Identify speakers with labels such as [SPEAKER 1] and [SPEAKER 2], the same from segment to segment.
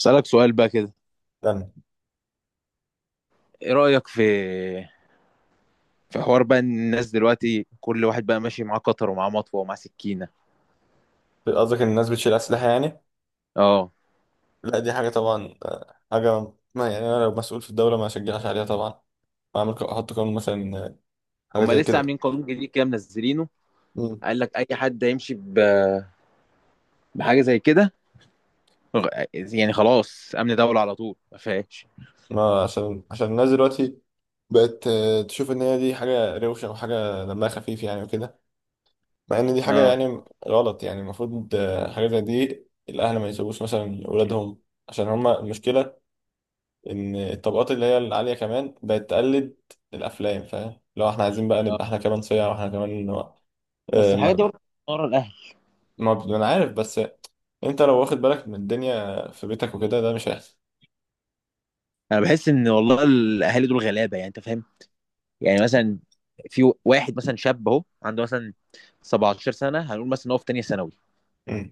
[SPEAKER 1] اسالك سؤال بقى كده.
[SPEAKER 2] يعني،
[SPEAKER 1] ايه رايك في حوار بقى ان الناس دلوقتي كل واحد بقى ماشي معاه قطر ومعاه مطوه ومعاه سكينه.
[SPEAKER 2] قصدك ان الناس بتشيل اسلحه يعني؟
[SPEAKER 1] اه،
[SPEAKER 2] لا، دي حاجه طبعا، حاجه، ما يعني انا لو مسؤول في الدوله ما اشجعش عليها طبعا. ما اعمل احط قانون مثلا، حاجه
[SPEAKER 1] هما
[SPEAKER 2] زي
[SPEAKER 1] لسه
[SPEAKER 2] كده.
[SPEAKER 1] عاملين قانون جديد كده منزلينه.
[SPEAKER 2] مم.
[SPEAKER 1] قال لك اي حد هيمشي بحاجه زي كده. يعني خلاص امن دوله على طول ما فيهاش.
[SPEAKER 2] ما عشان الناس دلوقتي بقت تشوف ان هي دي حاجه روشه وحاجه دمها خفيف، يعني وكده. مع ان دي حاجه
[SPEAKER 1] اه.
[SPEAKER 2] يعني غلط، يعني المفروض حاجه زي دي، الاهل ما يسيبوش مثلا اولادهم عشان هما المشكله، ان الطبقات اللي هي العاليه كمان بقت تقلد الافلام، فاهم؟ لو احنا عايزين بقى
[SPEAKER 1] اه،
[SPEAKER 2] نبقى احنا كمان صيع، واحنا كمان
[SPEAKER 1] بس
[SPEAKER 2] آه،
[SPEAKER 1] الحاجات دي
[SPEAKER 2] ما
[SPEAKER 1] برضه ورا الاهل.
[SPEAKER 2] ما انا عارف، بس انت لو واخد بالك من الدنيا في بيتك وكده، ده مش هيحصل.
[SPEAKER 1] انا بحس ان والله الاهالي دول غلابه، يعني انت فاهم؟ يعني مثلا في واحد مثلا شاب اهو عنده مثلا 17 سنه، هنقول مثلا إن هو في تانيه ثانوي.
[SPEAKER 2] مم.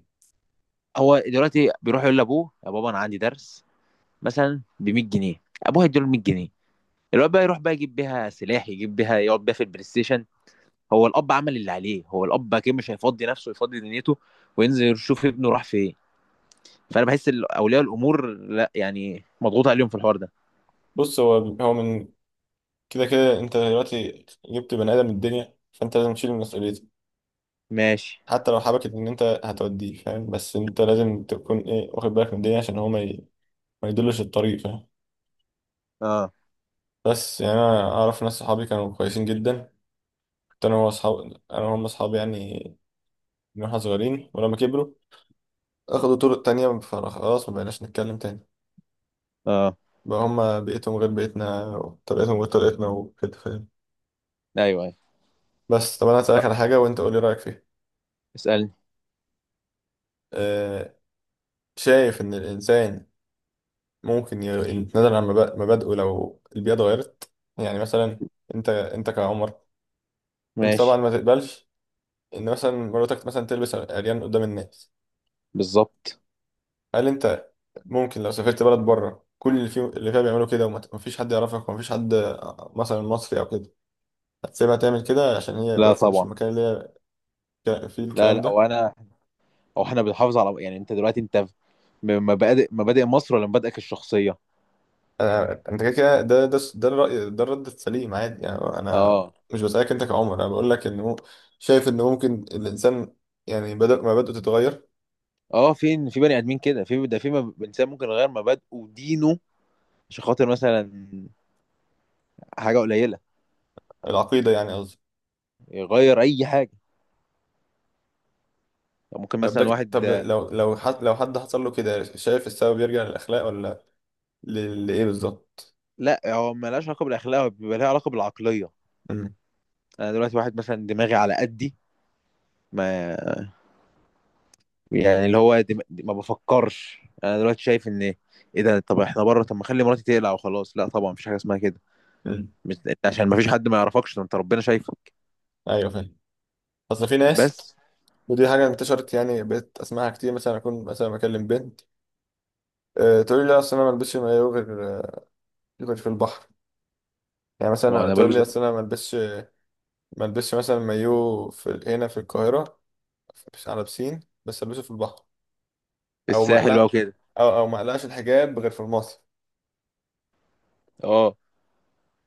[SPEAKER 1] هو دلوقتي بيروح يقول لابوه يا بابا انا عندي درس مثلا ب 100 جنيه، ابوه هيديله 100 جنيه. الواد بقى يروح بقى يجيب بيها سلاح، يجيب بيها يقعد بيها في البلاي ستيشن. هو الاب عمل اللي عليه، هو الاب اكيد مش هيفضي نفسه يفضي دنيته وينزل يشوف ابنه راح فين. فانا بحس إن اولياء الامور لا، يعني مضغوط عليهم في الحوار ده.
[SPEAKER 2] بص، هو كده كده انت دلوقتي جبت بني ادم من الدنيا، فانت لازم تشيل مسؤوليته.
[SPEAKER 1] ماشي.
[SPEAKER 2] حتى لو حبكت ان انت هتوديه، فاهم؟ بس انت لازم تكون ايه، واخد بالك من الدنيا، عشان هو ما يدلش الطريق، فاهم؟
[SPEAKER 1] اه.
[SPEAKER 2] بس يعني انا اعرف ناس صحابي كانوا كويسين جدا. كنت انا انا وهم اصحابي يعني، من واحنا صغيرين، ولما كبروا اخدوا طرق تانية، فخلاص ما بقيناش نتكلم تاني.
[SPEAKER 1] اه.
[SPEAKER 2] بقى هما بيئتهم غير بيئتنا، وطريقتهم غير طريقتنا وكده، فاهم؟
[SPEAKER 1] ايوه ايوه.
[SPEAKER 2] بس طب انا هسألك على حاجة وانت قولي رأيك فيها.
[SPEAKER 1] اسالني.
[SPEAKER 2] أه، شايف ان الانسان ممكن يتنازل عن مبادئه لو البيئة اتغيرت. يعني مثلا، انت كعمر، انت طبعا
[SPEAKER 1] ماشي.
[SPEAKER 2] ما تقبلش ان مثلا مراتك مثلا تلبس عريان قدام الناس.
[SPEAKER 1] بالظبط.
[SPEAKER 2] هل انت ممكن لو سافرت بلد بره، كل اللي فيها بيعملوا كده، ومفيش حد يعرفك، ومفيش حد مثلا مصري او كده، هتسيبها تعمل كده عشان هي،
[SPEAKER 1] لا
[SPEAKER 2] بس مش
[SPEAKER 1] طبعا.
[SPEAKER 2] المكان اللي هي فيه
[SPEAKER 1] لا
[SPEAKER 2] الكلام
[SPEAKER 1] لا،
[SPEAKER 2] ده؟
[SPEAKER 1] وانا او احنا بنحافظ على، يعني انت دلوقتي انت مبادئ مصر ولا مبادئك الشخصيه؟
[SPEAKER 2] انت كده كده، ده الرأي، ده الرد السليم عادي، يعني انا
[SPEAKER 1] اه.
[SPEAKER 2] مش بسألك انت كعمر. انا بقول لك انه شايف ان ممكن الانسان، يعني بدل ما بدأت تتغير،
[SPEAKER 1] اه فين؟ في بني ادمين كده في ده في انسان ممكن يغير مبادئه ودينه عشان خاطر مثلا حاجه قليله،
[SPEAKER 2] العقيدة يعني قصدي.
[SPEAKER 1] يغير اي حاجه. يعني ممكن
[SPEAKER 2] طب
[SPEAKER 1] مثلا
[SPEAKER 2] ده
[SPEAKER 1] واحد،
[SPEAKER 2] طب لو لو حد لو حد حصل له كده، شايف السبب يرجع للأخلاق، ولا لإيه بالظبط؟
[SPEAKER 1] لا هو ملهاش علاقه بالاخلاق، هو بيبقى لها علاقه بالعقليه.
[SPEAKER 2] امم.
[SPEAKER 1] انا دلوقتي واحد مثلا دماغي على قدي، ما يعني اللي هو ما بفكرش، انا دلوقتي شايف ان ايه ده؟ طب احنا بره طب ما اخلي مراتي تقلع وخلاص؟ لا طبعا، مفيش حاجه اسمها كده.
[SPEAKER 2] امم.
[SPEAKER 1] مش... عشان مفيش حد ما يعرفكش؟ ده انت ربنا شايفك.
[SPEAKER 2] ايوه، فاهم. اصل في ناس،
[SPEAKER 1] بس.
[SPEAKER 2] ودي حاجة انتشرت يعني، بقيت اسمعها كتير. مثلا اكون مثلا بكلم بنت، أه، تقول لي لا، اصل انا ما البسش مايو غير في البحر. يعني
[SPEAKER 1] ما
[SPEAKER 2] مثلا
[SPEAKER 1] انا
[SPEAKER 2] تقول
[SPEAKER 1] بلبس
[SPEAKER 2] لي اصل انا ما البسش مثلا مايو هنا في القاهرة، على بسين، بس البسه في البحر. او ما
[SPEAKER 1] الساحل بقى
[SPEAKER 2] اقلق
[SPEAKER 1] وكده.
[SPEAKER 2] او او ما اقلقش الحجاب غير في المصيف.
[SPEAKER 1] اه،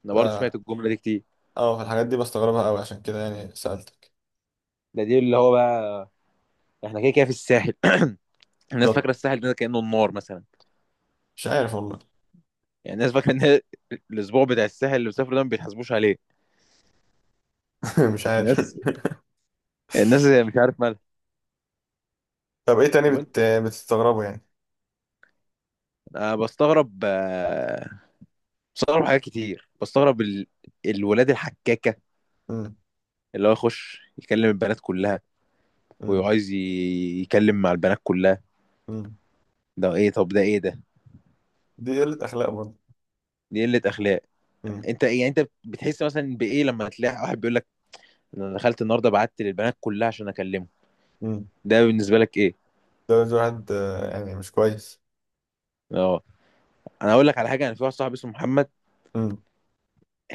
[SPEAKER 1] انا
[SPEAKER 2] ف
[SPEAKER 1] برضه سمعت الجمله دي كتير.
[SPEAKER 2] اه في الحاجات دي بستغربها قوي، عشان كده يعني سألتك.
[SPEAKER 1] ده دي اللي هو بقى احنا كده كده في الساحل الناس فاكره
[SPEAKER 2] بالظبط.
[SPEAKER 1] الساحل ده كانه النار مثلا.
[SPEAKER 2] مش عارف والله.
[SPEAKER 1] يعني الناس فاكره ان الاسبوع بتاع الساحل اللي بيسافروا ده ما بيتحاسبوش عليه.
[SPEAKER 2] مش عارف.
[SPEAKER 1] الناس، الناس مش عارف مالها.
[SPEAKER 2] طب ايه تاني
[SPEAKER 1] طب انت.
[SPEAKER 2] بتستغربه يعني؟
[SPEAKER 1] انا بستغرب، بستغرب حاجات كتير، بستغرب الولاد الحكاكه
[SPEAKER 2] مم.
[SPEAKER 1] اللي هو يخش يكلم البنات كلها
[SPEAKER 2] مم.
[SPEAKER 1] وعايز يكلم مع البنات كلها.
[SPEAKER 2] مم.
[SPEAKER 1] ده ايه؟ طب ده ايه ده؟
[SPEAKER 2] دي قلة اخلاق برضه.
[SPEAKER 1] دي قله اخلاق.
[SPEAKER 2] مم.
[SPEAKER 1] انت إيه؟ يعني انت بتحس مثلا بايه لما تلاقي واحد بيقول لك انا دخلت النهارده بعت للبنات كلها عشان اكلمه؟
[SPEAKER 2] مم.
[SPEAKER 1] ده بالنسبه لك ايه؟
[SPEAKER 2] ده واحد، يعني مش كويس.
[SPEAKER 1] اه، انا هقول لك على حاجه. انا في واحد صاحبي اسمه محمد
[SPEAKER 2] امم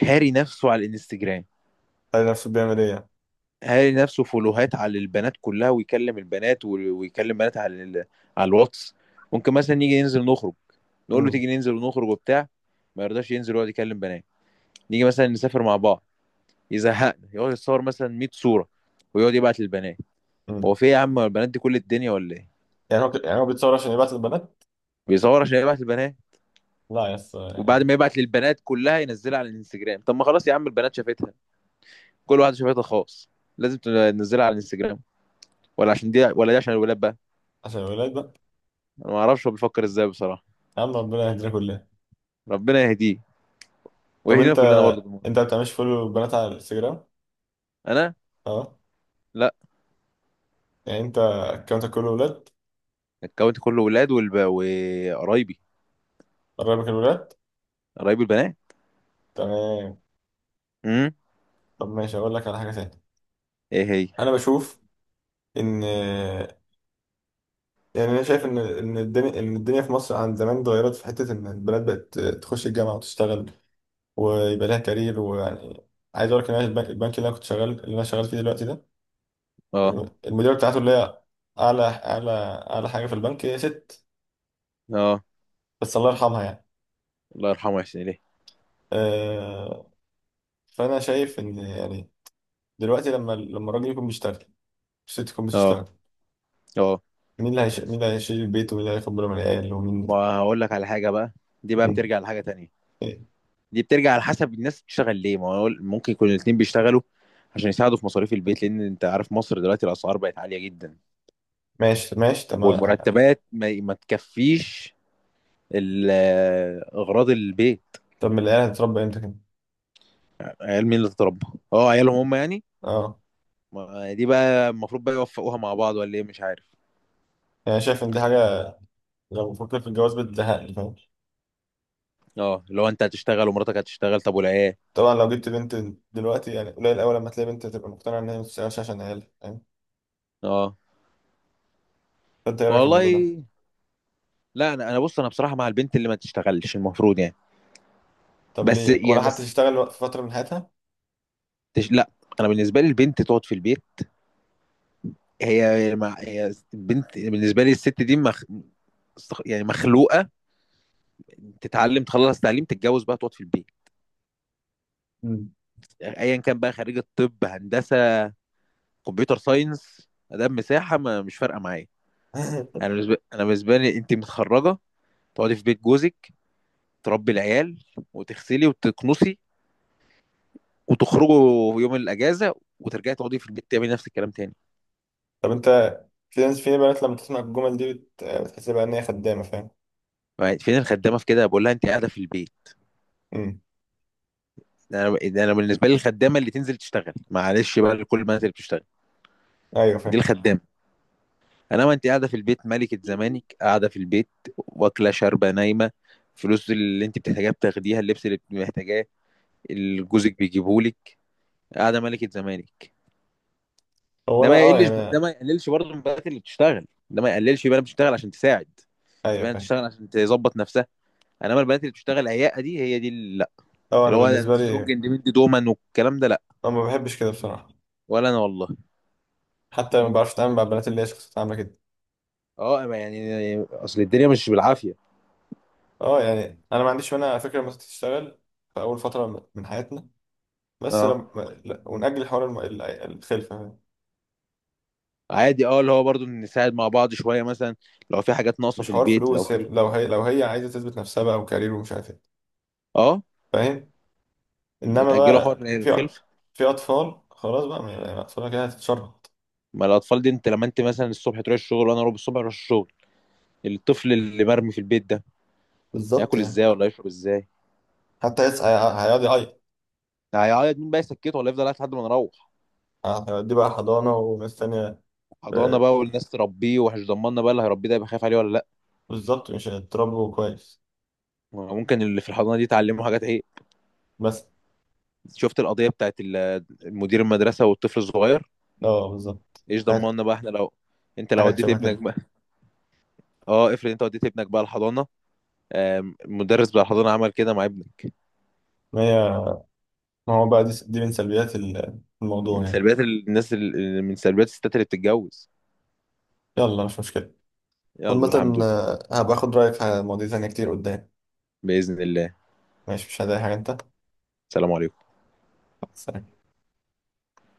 [SPEAKER 1] هاري نفسه على الانستجرام.
[SPEAKER 2] قال نفسه بيعمل ايه يعني؟
[SPEAKER 1] هاري نفسه فولوهات على البنات كلها ويكلم البنات ويكلم بنات على على الواتس. ممكن مثلا نيجي ننزل نخرج، نقول له
[SPEAKER 2] مم.
[SPEAKER 1] تيجي ننزل ونخرج وبتاع، ما يرضاش ينزل ويقعد يكلم بنات. نيجي مثلا نسافر مع بعض، يزهقنا يقعد يتصور مثلا 100 صوره ويقعد يبعت للبنات.
[SPEAKER 2] مم.
[SPEAKER 1] هو في ايه يا عم؟ هو البنات دي كل الدنيا ولا ايه؟
[SPEAKER 2] يعني هو بيتصور عشان يبعت البنات.
[SPEAKER 1] بيصور عشان يبعت للبنات،
[SPEAKER 2] لا يا اسطى
[SPEAKER 1] وبعد
[SPEAKER 2] يعني.
[SPEAKER 1] ما يبعت للبنات كلها ينزلها على الانستجرام. طب ما خلاص يا عم، البنات شافتها. كل واحد شبكتها الخاص، لازم تنزلها على الانستجرام؟ ولا عشان دي ولا دي عشان الولاد بقى.
[SPEAKER 2] عشان الولاد بقى.
[SPEAKER 1] انا ما اعرفش هو بيفكر ازاي بصراحه.
[SPEAKER 2] يا عم ربنا يهدينا كلنا.
[SPEAKER 1] ربنا يهديه
[SPEAKER 2] طب
[SPEAKER 1] ويهدينا
[SPEAKER 2] انت
[SPEAKER 1] كلنا برضه بالمره.
[SPEAKER 2] انت ما بتعملش فولو البنات على الانستجرام؟
[SPEAKER 1] انا.
[SPEAKER 2] اه.
[SPEAKER 1] لا.
[SPEAKER 2] يعني انت اكونتك كله ولاد؟
[SPEAKER 1] الكونت كله ولاد وقرايبي.
[SPEAKER 2] قرايبك الولاد؟
[SPEAKER 1] قرايبي البنات.
[SPEAKER 2] تمام.
[SPEAKER 1] امم.
[SPEAKER 2] طب ماشي، اقول لك على حاجه تانية.
[SPEAKER 1] ايه هي؟
[SPEAKER 2] انا بشوف ان، يعني انا شايف ان الدنيا في مصر عن زمان اتغيرت في حته ان البنات بقت تخش الجامعه وتشتغل، ويبقى لها كارير، ويعني عايز اقول لك ان انا البنك اللي انا شغال فيه دلوقتي ده،
[SPEAKER 1] اه.
[SPEAKER 2] المديره بتاعته، اللي هي اعلى اعلى اعلى حاجه في البنك، هي ست،
[SPEAKER 1] اه.
[SPEAKER 2] بس الله يرحمها يعني.
[SPEAKER 1] الله يرحمه ويحسن اليه.
[SPEAKER 2] آه، فانا شايف ان يعني دلوقتي لما الراجل يكون بيشتغل، الست تكون
[SPEAKER 1] اه.
[SPEAKER 2] بتشتغل،
[SPEAKER 1] اه
[SPEAKER 2] مين اللي هيشيل البيت، ومين اللي هياخد باله من العيال،
[SPEAKER 1] ما
[SPEAKER 2] ومين
[SPEAKER 1] هقول لك على حاجه بقى. دي بقى
[SPEAKER 2] مين؟
[SPEAKER 1] بترجع لحاجه تانية.
[SPEAKER 2] إيه.
[SPEAKER 1] دي بترجع على حسب الناس بتشتغل ليه. ما هو ممكن يكون الاتنين بيشتغلوا عشان يساعدوا في مصاريف البيت، لان انت عارف مصر دلوقتي الاسعار بقت عاليه جدا
[SPEAKER 2] ماشي، ماشي. طب ما
[SPEAKER 1] والمرتبات ما تكفيش ال- اغراض البيت.
[SPEAKER 2] طب ما العيال هتتربى امتى كده؟
[SPEAKER 1] عيال مين اللي تتربى؟ اه عيالهم هم يعني.
[SPEAKER 2] اه
[SPEAKER 1] دي بقى المفروض بقى يوفقوها مع بعض ولا ايه، مش عارف.
[SPEAKER 2] يعني شايف ان دي حاجه، لو بفكر في الجواز بتزهقني، فاهم؟
[SPEAKER 1] اه لو انت هتشتغل ومراتك هتشتغل، طب والعيال؟
[SPEAKER 2] طبعا لو جبت بنت، دلوقتي يعني قليل قوي لما تلاقي بنت تبقى مقتنعه ان هي ما بتشتغلش عشان عيالها، فاهم؟
[SPEAKER 1] اه.
[SPEAKER 2] فانت ايه رايك في الموضوع ده؟
[SPEAKER 1] والله لا، انا بص، انا بصراحه مع البنت اللي ما تشتغلش المفروض يعني.
[SPEAKER 2] طب
[SPEAKER 1] بس
[SPEAKER 2] ليه؟
[SPEAKER 1] يا
[SPEAKER 2] ولا حتى
[SPEAKER 1] بس
[SPEAKER 2] تشتغل في فتره من حياتها.
[SPEAKER 1] لا، انا بالنسبه لي البنت تقعد في البيت. هي البنت بالنسبه لي الست دي يعني مخلوقه تتعلم تخلص تعليم، تتجوز بقى تقعد في البيت.
[SPEAKER 2] مم.
[SPEAKER 1] ايا كان بقى خريج الطب، هندسه، كمبيوتر ساينس، ادام، مساحه، ما مش فارقه معايا. انا بالنسبه لي انت متخرجه، تقعدي في بيت جوزك، تربي العيال وتغسلي وتكنسي، وتخرجوا يوم الاجازه وترجعي تقعدي في البيت تعملي نفس الكلام تاني.
[SPEAKER 2] طب انت، في ناس، في بنات لما تسمع الجمل دي بتحس بقى ان هي خدامه، فاهم؟
[SPEAKER 1] يعني فين الخدامه في كده؟ بقول لها انت قاعده في البيت.
[SPEAKER 2] مم.
[SPEAKER 1] ده انا، ده انا بالنسبه لي الخدامه اللي تنزل تشتغل، معلش بقى لكل البنات اللي بتشتغل،
[SPEAKER 2] ايوه
[SPEAKER 1] دي
[SPEAKER 2] فاهم.
[SPEAKER 1] الخدامه. انا وانت قاعده في البيت ملكه زمانك، قاعده في البيت واكله شاربه نايمه، فلوس اللي انت بتحتاجيها بتاخديها، اللبس اللي محتاجاه اللي جوزك بيجيبهولك، قاعده ملكه زمانك.
[SPEAKER 2] هو
[SPEAKER 1] ده
[SPEAKER 2] انا
[SPEAKER 1] ما يقلش ده
[SPEAKER 2] يعني.
[SPEAKER 1] ما يقللش برضه من البنات اللي بتشتغل، ده ما يقللش. في بنات بتشتغل عشان تساعد، في
[SPEAKER 2] ايوه
[SPEAKER 1] بنات
[SPEAKER 2] فاهم.
[SPEAKER 1] بتشتغل عشان تظبط نفسها، انما البنات اللي بتشتغل عياقه دي، هي دي اللي لا.
[SPEAKER 2] اه، انا
[SPEAKER 1] اللي هو
[SPEAKER 2] بالنسبه
[SPEAKER 1] سترونج
[SPEAKER 2] لي،
[SPEAKER 1] اندبندنت وومن والكلام ده لا.
[SPEAKER 2] انا ما بحبش كده بصراحه.
[SPEAKER 1] ولا انا والله.
[SPEAKER 2] حتى ما بعرفش اتعامل مع البنات اللي هي شخصيتها عامله كده.
[SPEAKER 1] اه يعني اصل الدنيا مش بالعافيه.
[SPEAKER 2] اه يعني انا ما عنديش مانع على فكره لما تشتغل في اول فتره من حياتنا، بس
[SPEAKER 1] اه.
[SPEAKER 2] لما لا، ونأجل حوار الخلفه.
[SPEAKER 1] عادي اه، اللي هو برضو نساعد مع بعض شويه مثلا، لو في حاجات ناقصه
[SPEAKER 2] مش
[SPEAKER 1] في
[SPEAKER 2] حوار
[SPEAKER 1] البيت، لو
[SPEAKER 2] فلوس،
[SPEAKER 1] في.
[SPEAKER 2] لو هي عايزه تثبت نفسها بقى وكارير ومش عارف ايه،
[SPEAKER 1] اه.
[SPEAKER 2] فاهم؟ انما
[SPEAKER 1] وتاجلوا حوار
[SPEAKER 2] بقى
[SPEAKER 1] الخلفه.
[SPEAKER 2] في اطفال خلاص بقى، ما اطفالها كده هتتشرط.
[SPEAKER 1] ما الاطفال دي، انت لما انت مثلا الصبح تروح الشغل وانا اروح الصبح اروح الشغل، الطفل اللي مرمي في البيت ده
[SPEAKER 2] بالظبط
[SPEAKER 1] هياكل
[SPEAKER 2] يعني.
[SPEAKER 1] ازاي ولا يشرب ازاي؟
[SPEAKER 2] حتى هيقعد يعيط.
[SPEAKER 1] هيعيط، مين بقى يسكته ولا يفضل قاعد لحد ما نروح؟
[SPEAKER 2] هيوديه بقى حضانه وناس تانيه.
[SPEAKER 1] حضانه بقى والناس تربيه، ومش ضمننا بقى اللي هيربيه ده يبقى خايف عليه ولا لا.
[SPEAKER 2] بالظبط، مش هتضربه كويس
[SPEAKER 1] ممكن اللي في الحضانه دي تعلمه حاجات ايه.
[SPEAKER 2] بس.
[SPEAKER 1] شفت القضيه بتاعت مدير المدرسه والطفل الصغير؟
[SPEAKER 2] اه بالظبط.
[SPEAKER 1] ايش
[SPEAKER 2] حاجات
[SPEAKER 1] ضمننا بقى احنا لو انت لو
[SPEAKER 2] حاجات
[SPEAKER 1] وديت
[SPEAKER 2] شبه
[SPEAKER 1] ابنك
[SPEAKER 2] كده.
[SPEAKER 1] بقى؟ اه افرض انت وديت ابنك بقى الحضانه، المدرس بتاع الحضانه عمل كده مع ابني.
[SPEAKER 2] ما هي ما هو بقى، دي من سلبيات الموضوع
[SPEAKER 1] من
[SPEAKER 2] يعني.
[SPEAKER 1] سلبيات الناس من سلبيات الستات اللي بتتجوز.
[SPEAKER 2] يلا مش مشكلة.
[SPEAKER 1] يلا
[SPEAKER 2] عامة،
[SPEAKER 1] الحمد لله.
[SPEAKER 2] هبقى اخد رأيك في مواضيع تانية كتير قدام.
[SPEAKER 1] باذن الله.
[SPEAKER 2] ماشي مش هضايق حاجة انت.
[SPEAKER 1] سلام عليكم.
[SPEAKER 2] سلام.